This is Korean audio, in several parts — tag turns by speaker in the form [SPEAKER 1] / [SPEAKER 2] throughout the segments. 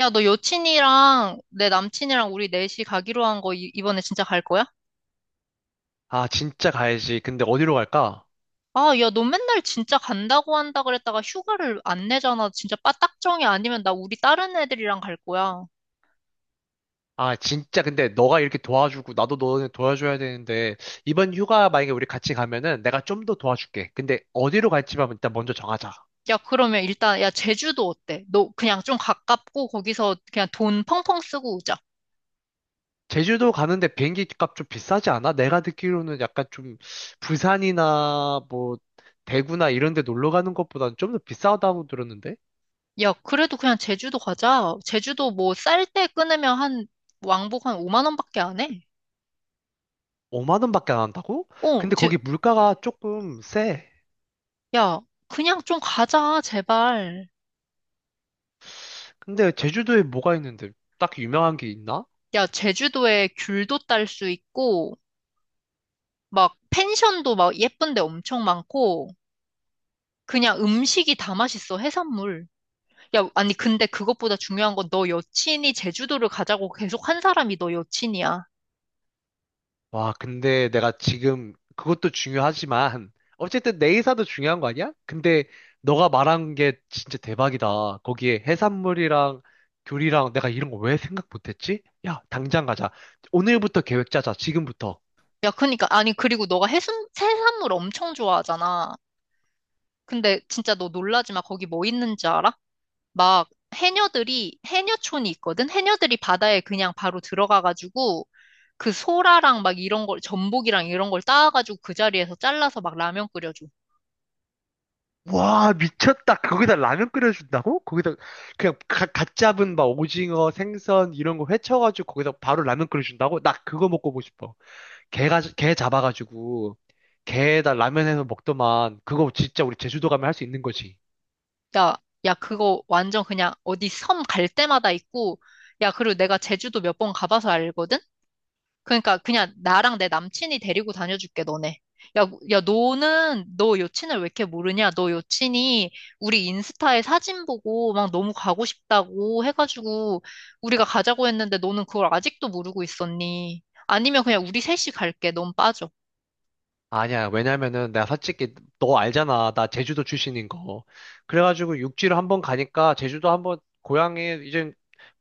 [SPEAKER 1] 야, 너 여친이랑 내 남친이랑 우리 넷이 가기로 한 거 이번에 진짜 갈 거야?
[SPEAKER 2] 아, 진짜 가야지. 근데 어디로 갈까?
[SPEAKER 1] 아, 야, 너 맨날 진짜 간다고 한다 그랬다가 휴가를 안 내잖아. 진짜 빠딱정이 아니면 나 우리 다른 애들이랑 갈 거야.
[SPEAKER 2] 아, 진짜 근데 너가 이렇게 도와주고 나도 너네 도와줘야 되는데 이번 휴가 만약에 우리 같이 가면은 내가 좀 더 도와줄게. 근데 어디로 갈지만 일단 먼저 정하자.
[SPEAKER 1] 야, 그러면 일단, 야, 제주도 어때? 너 그냥 좀 가깝고 거기서 그냥 돈 펑펑 쓰고 오자.
[SPEAKER 2] 제주도 가는데 비행기 값 좀 비싸지 않아? 내가 듣기로는 약간 좀 부산이나 뭐 대구나 이런 데 놀러 가는 것보다는 좀 더 비싸다고 들었는데?
[SPEAKER 1] 야, 그래도 그냥 제주도 가자. 제주도 뭐 쌀 때 끊으면 한 왕복 한 5만 원밖에 안 해.
[SPEAKER 2] 5만 원밖에 안 한다고?
[SPEAKER 1] 어,
[SPEAKER 2] 근데
[SPEAKER 1] 제,
[SPEAKER 2] 거기 물가가 조금 세.
[SPEAKER 1] 야, 그냥 좀 가자, 제발.
[SPEAKER 2] 근데 제주도에 뭐가 있는데 딱히 유명한 게 있나?
[SPEAKER 1] 야, 제주도에 귤도 딸 수 있고, 막 펜션도 막 예쁜 데 엄청 많고, 그냥 음식이 다 맛있어, 해산물. 야, 아니, 근데 그것보다 중요한 건 너 여친이 제주도를 가자고 계속 한 사람이 너 여친이야.
[SPEAKER 2] 와, 근데 내가 지금 그것도 중요하지만 어쨌든 내 의사도 중요한 거 아니야? 근데 너가 말한 게 진짜 대박이다. 거기에 해산물이랑 교리랑 내가 이런 거 왜 생각 못했지? 야, 당장 가자. 오늘부터 계획 짜자. 지금부터.
[SPEAKER 1] 야, 그니까, 아니, 그리고 너가 해산물 엄청 좋아하잖아. 근데 진짜 너 놀라지 마. 거기 뭐 있는지 알아? 막 해녀촌이 있거든? 해녀들이 바다에 그냥 바로 들어가가지고, 그 소라랑 막 이런 걸, 전복이랑 이런 걸 따와가지고 그 자리에서 잘라서 막 라면 끓여줘.
[SPEAKER 2] 와, 미쳤다. 거기다 라면 끓여준다고? 거기다 그냥 갓 잡은 막 오징어, 생선 이런 거 회쳐가지고 거기다 바로 라면 끓여준다고? 나 그거 먹고 보고 싶어. 개 잡아가지고, 개에다 라면 해서 먹더만, 그거 진짜 우리 제주도 가면 할 수 있는 거지.
[SPEAKER 1] 야, 야, 그거 완전 그냥 어디 섬 갈 때마다 있고, 야, 그리고 내가 제주도 몇 번 가봐서 알거든? 그러니까 그냥 나랑 내 남친이 데리고 다녀줄게, 너네. 야, 야, 너는 너 여친을 왜 이렇게 모르냐? 너 여친이 우리 인스타에 사진 보고 막 너무 가고 싶다고 해가지고 우리가 가자고 했는데 너는 그걸 아직도 모르고 있었니? 아니면 그냥 우리 셋이 갈게. 넌 빠져.
[SPEAKER 2] 아니야, 왜냐면은 내가 솔직히 너 알잖아. 나 제주도 출신인 거. 그래가지고 육지로 한번 가니까 제주도 한번 고향에 이제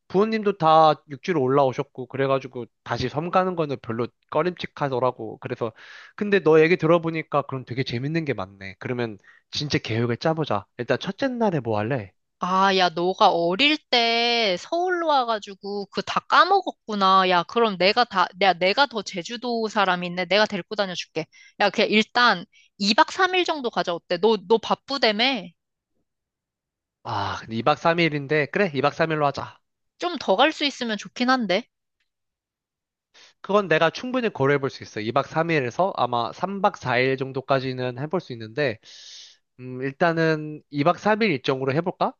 [SPEAKER 2] 부모님도 다 육지로 올라오셨고, 그래가지고 다시 섬 가는 거는 별로 꺼림칙하더라고. 그래서, 근데 너 얘기 들어보니까 그럼 되게 재밌는 게 많네. 그러면 진짜 계획을 짜보자. 일단 첫째 날에 뭐 할래?
[SPEAKER 1] 아, 야, 너가 어릴 때 서울로 와가지고 그 다 까먹었구나. 야, 야, 내가 더 제주도 사람인데 내가 데리고 다녀줄게. 야, 그냥 일단 2박 3일 정도 가자. 어때? 너 바쁘다며?
[SPEAKER 2] 아, 근데 2박 3일인데, 그래, 2박 3일로 하자.
[SPEAKER 1] 좀 더 갈 수 있으면 좋긴 한데.
[SPEAKER 2] 그건 내가 충분히 고려해 볼 수 있어. 2박 3일에서 아마 3박 4일 정도까지는 해볼 수 있는데, 일단은 2박 3일 일정으로 해볼까?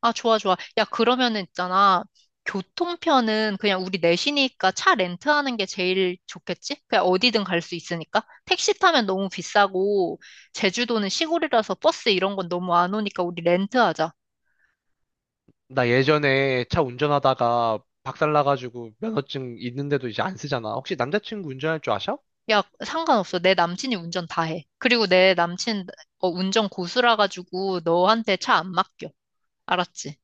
[SPEAKER 1] 아, 좋아, 좋아. 야, 그러면은 있잖아. 교통편은 그냥 우리 넷이니까 차 렌트하는 게 제일 좋겠지? 그냥 어디든 갈 수 있으니까. 택시 타면 너무 비싸고, 제주도는 시골이라서 버스 이런 건 너무 안 오니까 우리 렌트하자.
[SPEAKER 2] 나 예전에 차 운전하다가 박살나가지고 면허증 있는데도 이제 안 쓰잖아. 혹시 남자친구 운전할 줄 아셔?
[SPEAKER 1] 야, 상관없어. 내 남친이 운전 다 해. 그리고 내 남친 어, 운전 고수라 가지고 너한테 차 안 맡겨. 알았지?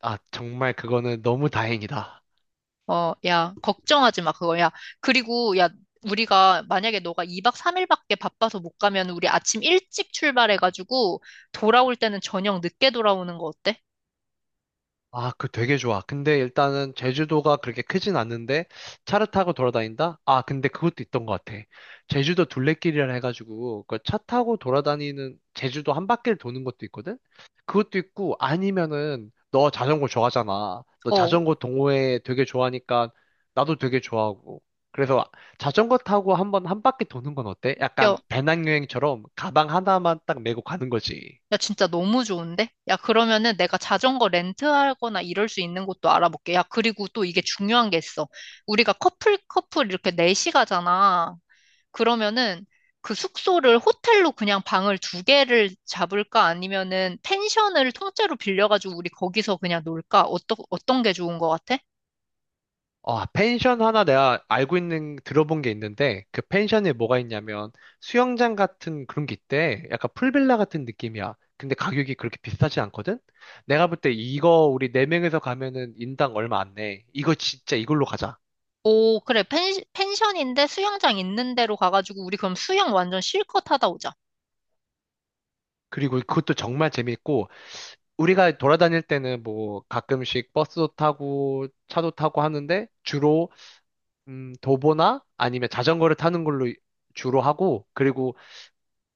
[SPEAKER 2] 아, 정말 그거는 너무 다행이다.
[SPEAKER 1] 어, 야, 걱정하지 마, 그거. 야, 우리가 만약에 너가 2박 3일밖에 바빠서 못 가면 우리 아침 일찍 출발해 가지고 돌아올 때는 저녁 늦게 돌아오는 거 어때?
[SPEAKER 2] 아, 그 되게 좋아. 근데 일단은 제주도가 그렇게 크진 않는데 차를 타고 돌아다닌다? 아, 근데 그것도 있던 것 같아. 제주도 둘레길이라 해가지고 그 차 타고 돌아다니는 제주도 한 바퀴를 도는 것도 있거든? 그것도 있고 아니면은 너 자전거 좋아하잖아. 너
[SPEAKER 1] 어,
[SPEAKER 2] 자전거 동호회 되게 좋아하니까 나도 되게 좋아하고. 그래서 자전거 타고 한번 한 바퀴 도는 건 어때?
[SPEAKER 1] 야,
[SPEAKER 2] 약간 배낭여행처럼 가방 하나만 딱 메고 가는 거지.
[SPEAKER 1] 야, 진짜 너무 좋은데? 야, 그러면은 내가 자전거 렌트하거나 이럴 수 있는 곳도 알아볼게. 야, 그리고 또 이게 중요한 게 있어. 우리가 커플, 커플 이렇게 넷이 가잖아. 그러면은 그 숙소를 호텔로 그냥 방을 두 개를 잡을까? 아니면은 펜션을 통째로 빌려가지고 우리 거기서 그냥 놀까? 어떤 게 좋은 것 같아?
[SPEAKER 2] 아, 펜션 하나 내가 알고 있는, 들어본 게 있는데, 그 펜션에 뭐가 있냐면, 수영장 같은 그런 게 있대. 약간 풀빌라 같은 느낌이야. 근데 가격이 그렇게 비싸지 않거든? 내가 볼 때 이거 우리 네명에서 가면은 인당 얼마 안 내. 이거 진짜 이걸로 가자.
[SPEAKER 1] 오, 그래. 펜션인데 수영장 있는 데로 가가지고 우리 그럼 수영 완전 실컷 하다 오자.
[SPEAKER 2] 그리고 그것도 정말 재밌고, 우리가 돌아다닐 때는 뭐 가끔씩 버스도 타고, 차도 타고 하는데, 주로, 도보나 아니면 자전거를 타는 걸로 주로 하고, 그리고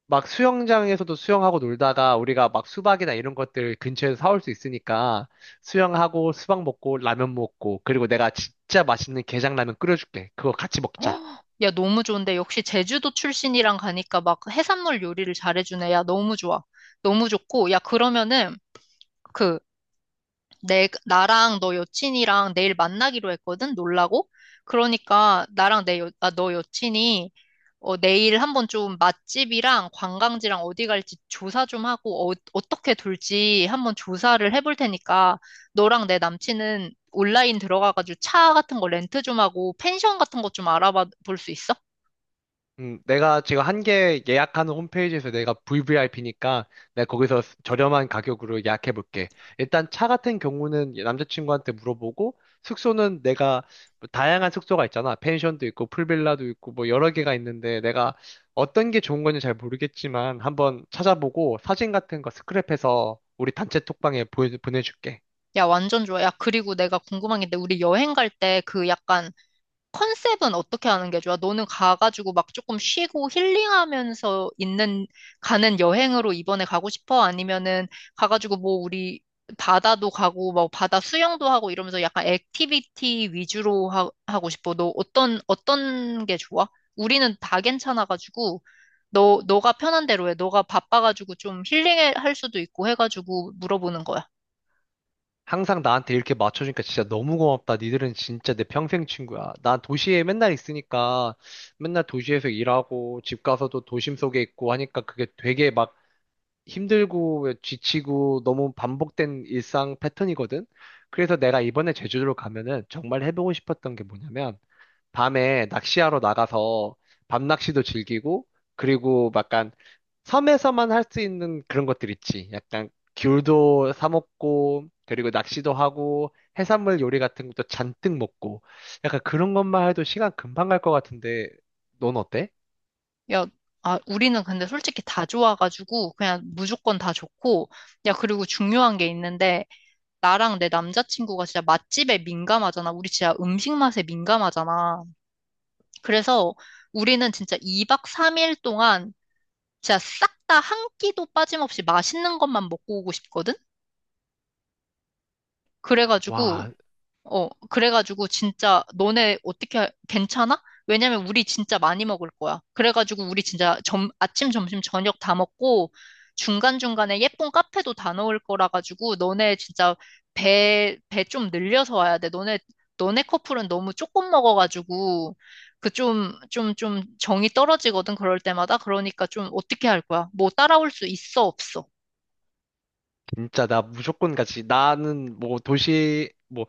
[SPEAKER 2] 막 수영장에서도 수영하고 놀다가 우리가 막 수박이나 이런 것들 근처에서 사올 수 있으니까 수영하고 수박 먹고 라면 먹고 그리고 내가 진짜 맛있는 게장라면 끓여줄게. 그거 같이 먹자.
[SPEAKER 1] 헉, 야, 너무 좋은데. 역시 제주도 출신이랑 가니까 막 해산물 요리를 잘해주네. 야, 너무 좋아. 너무 좋고. 야, 그러면은, 그, 나랑 너 여친이랑 내일 만나기로 했거든? 놀라고? 그러니까, 나랑 내 여, 아, 너 여친이, 어, 내일 한번 좀 맛집이랑 관광지랑 어디 갈지 조사 좀 하고, 어, 어떻게 돌지 한번 조사를 해볼 테니까, 너랑 내 남친은 온라인 들어가가지고 차 같은 거 렌트 좀 하고, 펜션 같은 거 좀 알아봐 볼 수 있어?
[SPEAKER 2] 내가 지금 한 개 예약하는 홈페이지에서 내가 VVIP니까 내가 거기서 저렴한 가격으로 예약해 볼게. 일단 차 같은 경우는 남자친구한테 물어보고 숙소는 내가 뭐 다양한 숙소가 있잖아. 펜션도 있고 풀빌라도 있고 뭐 여러 개가 있는데 내가 어떤 게 좋은 건지 잘 모르겠지만 한번 찾아보고 사진 같은 거 스크랩해서 우리 단체 톡방에 보 보내줄게.
[SPEAKER 1] 야, 완전 좋아. 야, 그리고 내가 궁금한 게 있는데, 우리 여행 갈 때 그 약간 컨셉은 어떻게 하는 게 좋아? 너는 가가지고 막 조금 쉬고 힐링하면서 있는, 가는 여행으로 이번에 가고 싶어? 아니면은 가가지고 뭐 우리 바다도 가고, 뭐 바다 수영도 하고 이러면서 약간 액티비티 위주로 하고 싶어? 어떤 게 좋아? 우리는 다 괜찮아가지고, 너가 편한 대로 해. 너가 바빠가지고 좀 힐링할 수도 있고 해가지고 물어보는 거야.
[SPEAKER 2] 항상 나한테 이렇게 맞춰주니까 진짜 너무 고맙다. 니들은 진짜 내 평생 친구야. 난 도시에 맨날 있으니까 맨날 도시에서 일하고 집 가서도 도심 속에 있고 하니까 그게 되게 막 힘들고 지치고 너무 반복된 일상 패턴이거든. 그래서 내가 이번에 제주도로 가면은 정말 해보고 싶었던 게 뭐냐면 밤에 낚시하러 나가서 밤낚시도 즐기고 그리고 약간 섬에서만 할 수 있는 그런 것들 있지. 약간 귤도 사 먹고 그리고 낚시도 하고 해산물 요리 같은 것도 잔뜩 먹고 약간 그런 것만 해도 시간 금방 갈 것 같은데 넌 어때?
[SPEAKER 1] 야, 아, 우리는 근데 솔직히 다 좋아가지고 그냥 무조건 다 좋고, 야, 그리고 중요한 게 있는데, 나랑 내 남자친구가 진짜 맛집에 민감하잖아. 우리 진짜 음식 맛에 민감하잖아. 그래서 우리는 진짜 2박 3일 동안 진짜 싹 다 한 끼도 빠짐없이 맛있는 것만 먹고 오고 싶거든? 그래가지고,
[SPEAKER 2] 와,
[SPEAKER 1] 어, 그래가지고 진짜 너네 어떻게 할- 괜찮아? 왜냐면 우리 진짜 많이 먹을 거야. 그래가지고 우리 아침, 점심, 저녁 다 먹고 중간중간에 예쁜 카페도 다 넣을 거라 가지고 너네 진짜 배 좀 늘려서 와야 돼. 너네 커플은 너무 조금 먹어가지고 그 좀 정이 떨어지거든. 그럴 때마다. 그러니까 좀 어떻게 할 거야? 뭐 따라올 수 있어, 없어?
[SPEAKER 2] 진짜 나 무조건 같이 나는 뭐 도시 뭐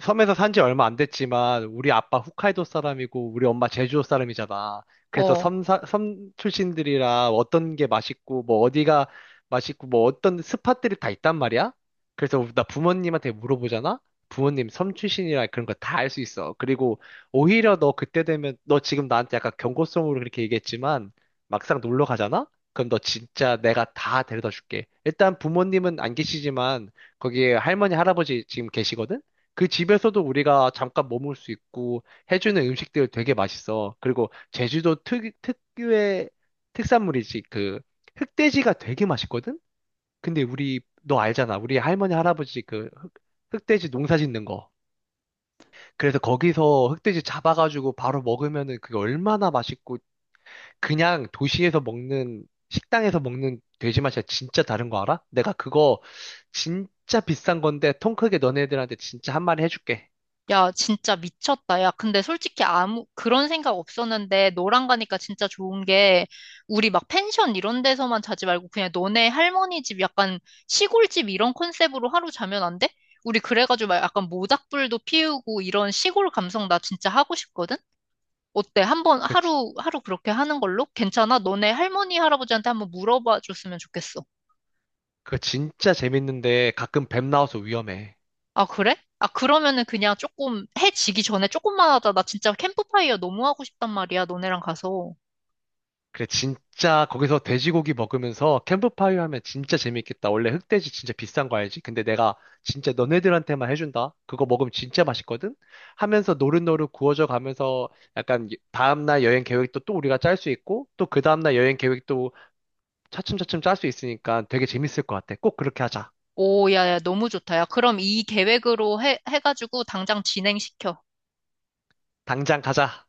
[SPEAKER 2] 섬에서 산지 얼마 안 됐지만 우리 아빠 홋카이도 사람이고 우리 엄마 제주도 사람이잖아. 그래서
[SPEAKER 1] 어.
[SPEAKER 2] 섬 출신들이라 어떤 게 맛있고 뭐 어디가 맛있고 뭐 어떤 스팟들이 다 있단 말이야. 그래서 나 부모님한테 물어보잖아. 부모님 섬 출신이라 그런 거 다 알 수 있어. 그리고 오히려 너 그때 되면 너 지금 나한테 약간 경고성으로 그렇게 얘기했지만 막상 놀러 가잖아. 그럼 너 진짜 내가 다 데려다 줄게. 일단 부모님은 안 계시지만 거기에 할머니, 할아버지 지금 계시거든? 그 집에서도 우리가 잠깐 머물 수 있고 해주는 음식들 되게 맛있어. 그리고 제주도 특유의 특산물이지. 그 흑돼지가 되게 맛있거든? 근데 우리, 너 알잖아. 우리 할머니, 할아버지 그 흑돼지 농사 짓는 거. 그래서 거기서 흑돼지 잡아가지고 바로 먹으면은 그게 얼마나 맛있고 그냥 도시에서 먹는, 식당에서 먹는 돼지 맛이랑 진짜 다른 거 알아? 내가 그거 진짜 비싼 건데 통 크게 너네들한테 진짜 한 마리 해줄게.
[SPEAKER 1] 야, 진짜 미쳤다. 야, 근데 솔직히 그런 생각 없었는데, 너랑 가니까 진짜 좋은 게, 우리 막 펜션 이런 데서만 자지 말고, 그냥 너네 할머니 집 약간 시골집 이런 컨셉으로 하루 자면 안 돼? 우리 그래가지고 막 약간 모닥불도 피우고 이런 시골 감성 나 진짜 하고 싶거든? 어때? 한번
[SPEAKER 2] 그
[SPEAKER 1] 하루, 하루 그렇게 하는 걸로? 괜찮아? 너네 할머니, 할아버지한테 한번 물어봐 줬으면 좋겠어.
[SPEAKER 2] 그거 진짜 재밌는데 가끔 뱀 나와서 위험해.
[SPEAKER 1] 아, 그래? 아, 그러면은 그냥 조금 해 지기 전에 조금만 하자. 나 진짜 캠프파이어 너무 하고 싶단 말이야, 너네랑 가서.
[SPEAKER 2] 그래, 진짜 거기서 돼지고기 먹으면서 캠프파이어 하면 진짜 재밌겠다. 원래 흑돼지 진짜 비싼 거 알지? 근데 내가 진짜 너네들한테만 해준다. 그거 먹으면 진짜 맛있거든? 하면서 노릇노릇 구워져 가면서 약간 다음날 여행 계획도 또 우리가 짤 수 있고 또 그 다음날 여행 계획도 차츰차츰 짤 수 있으니까 되게 재밌을 것 같아. 꼭 그렇게 하자.
[SPEAKER 1] 오, 야, 너무 좋다. 야, 그럼 이 계획으로 해가지고 당장 진행시켜.
[SPEAKER 2] 당장 가자.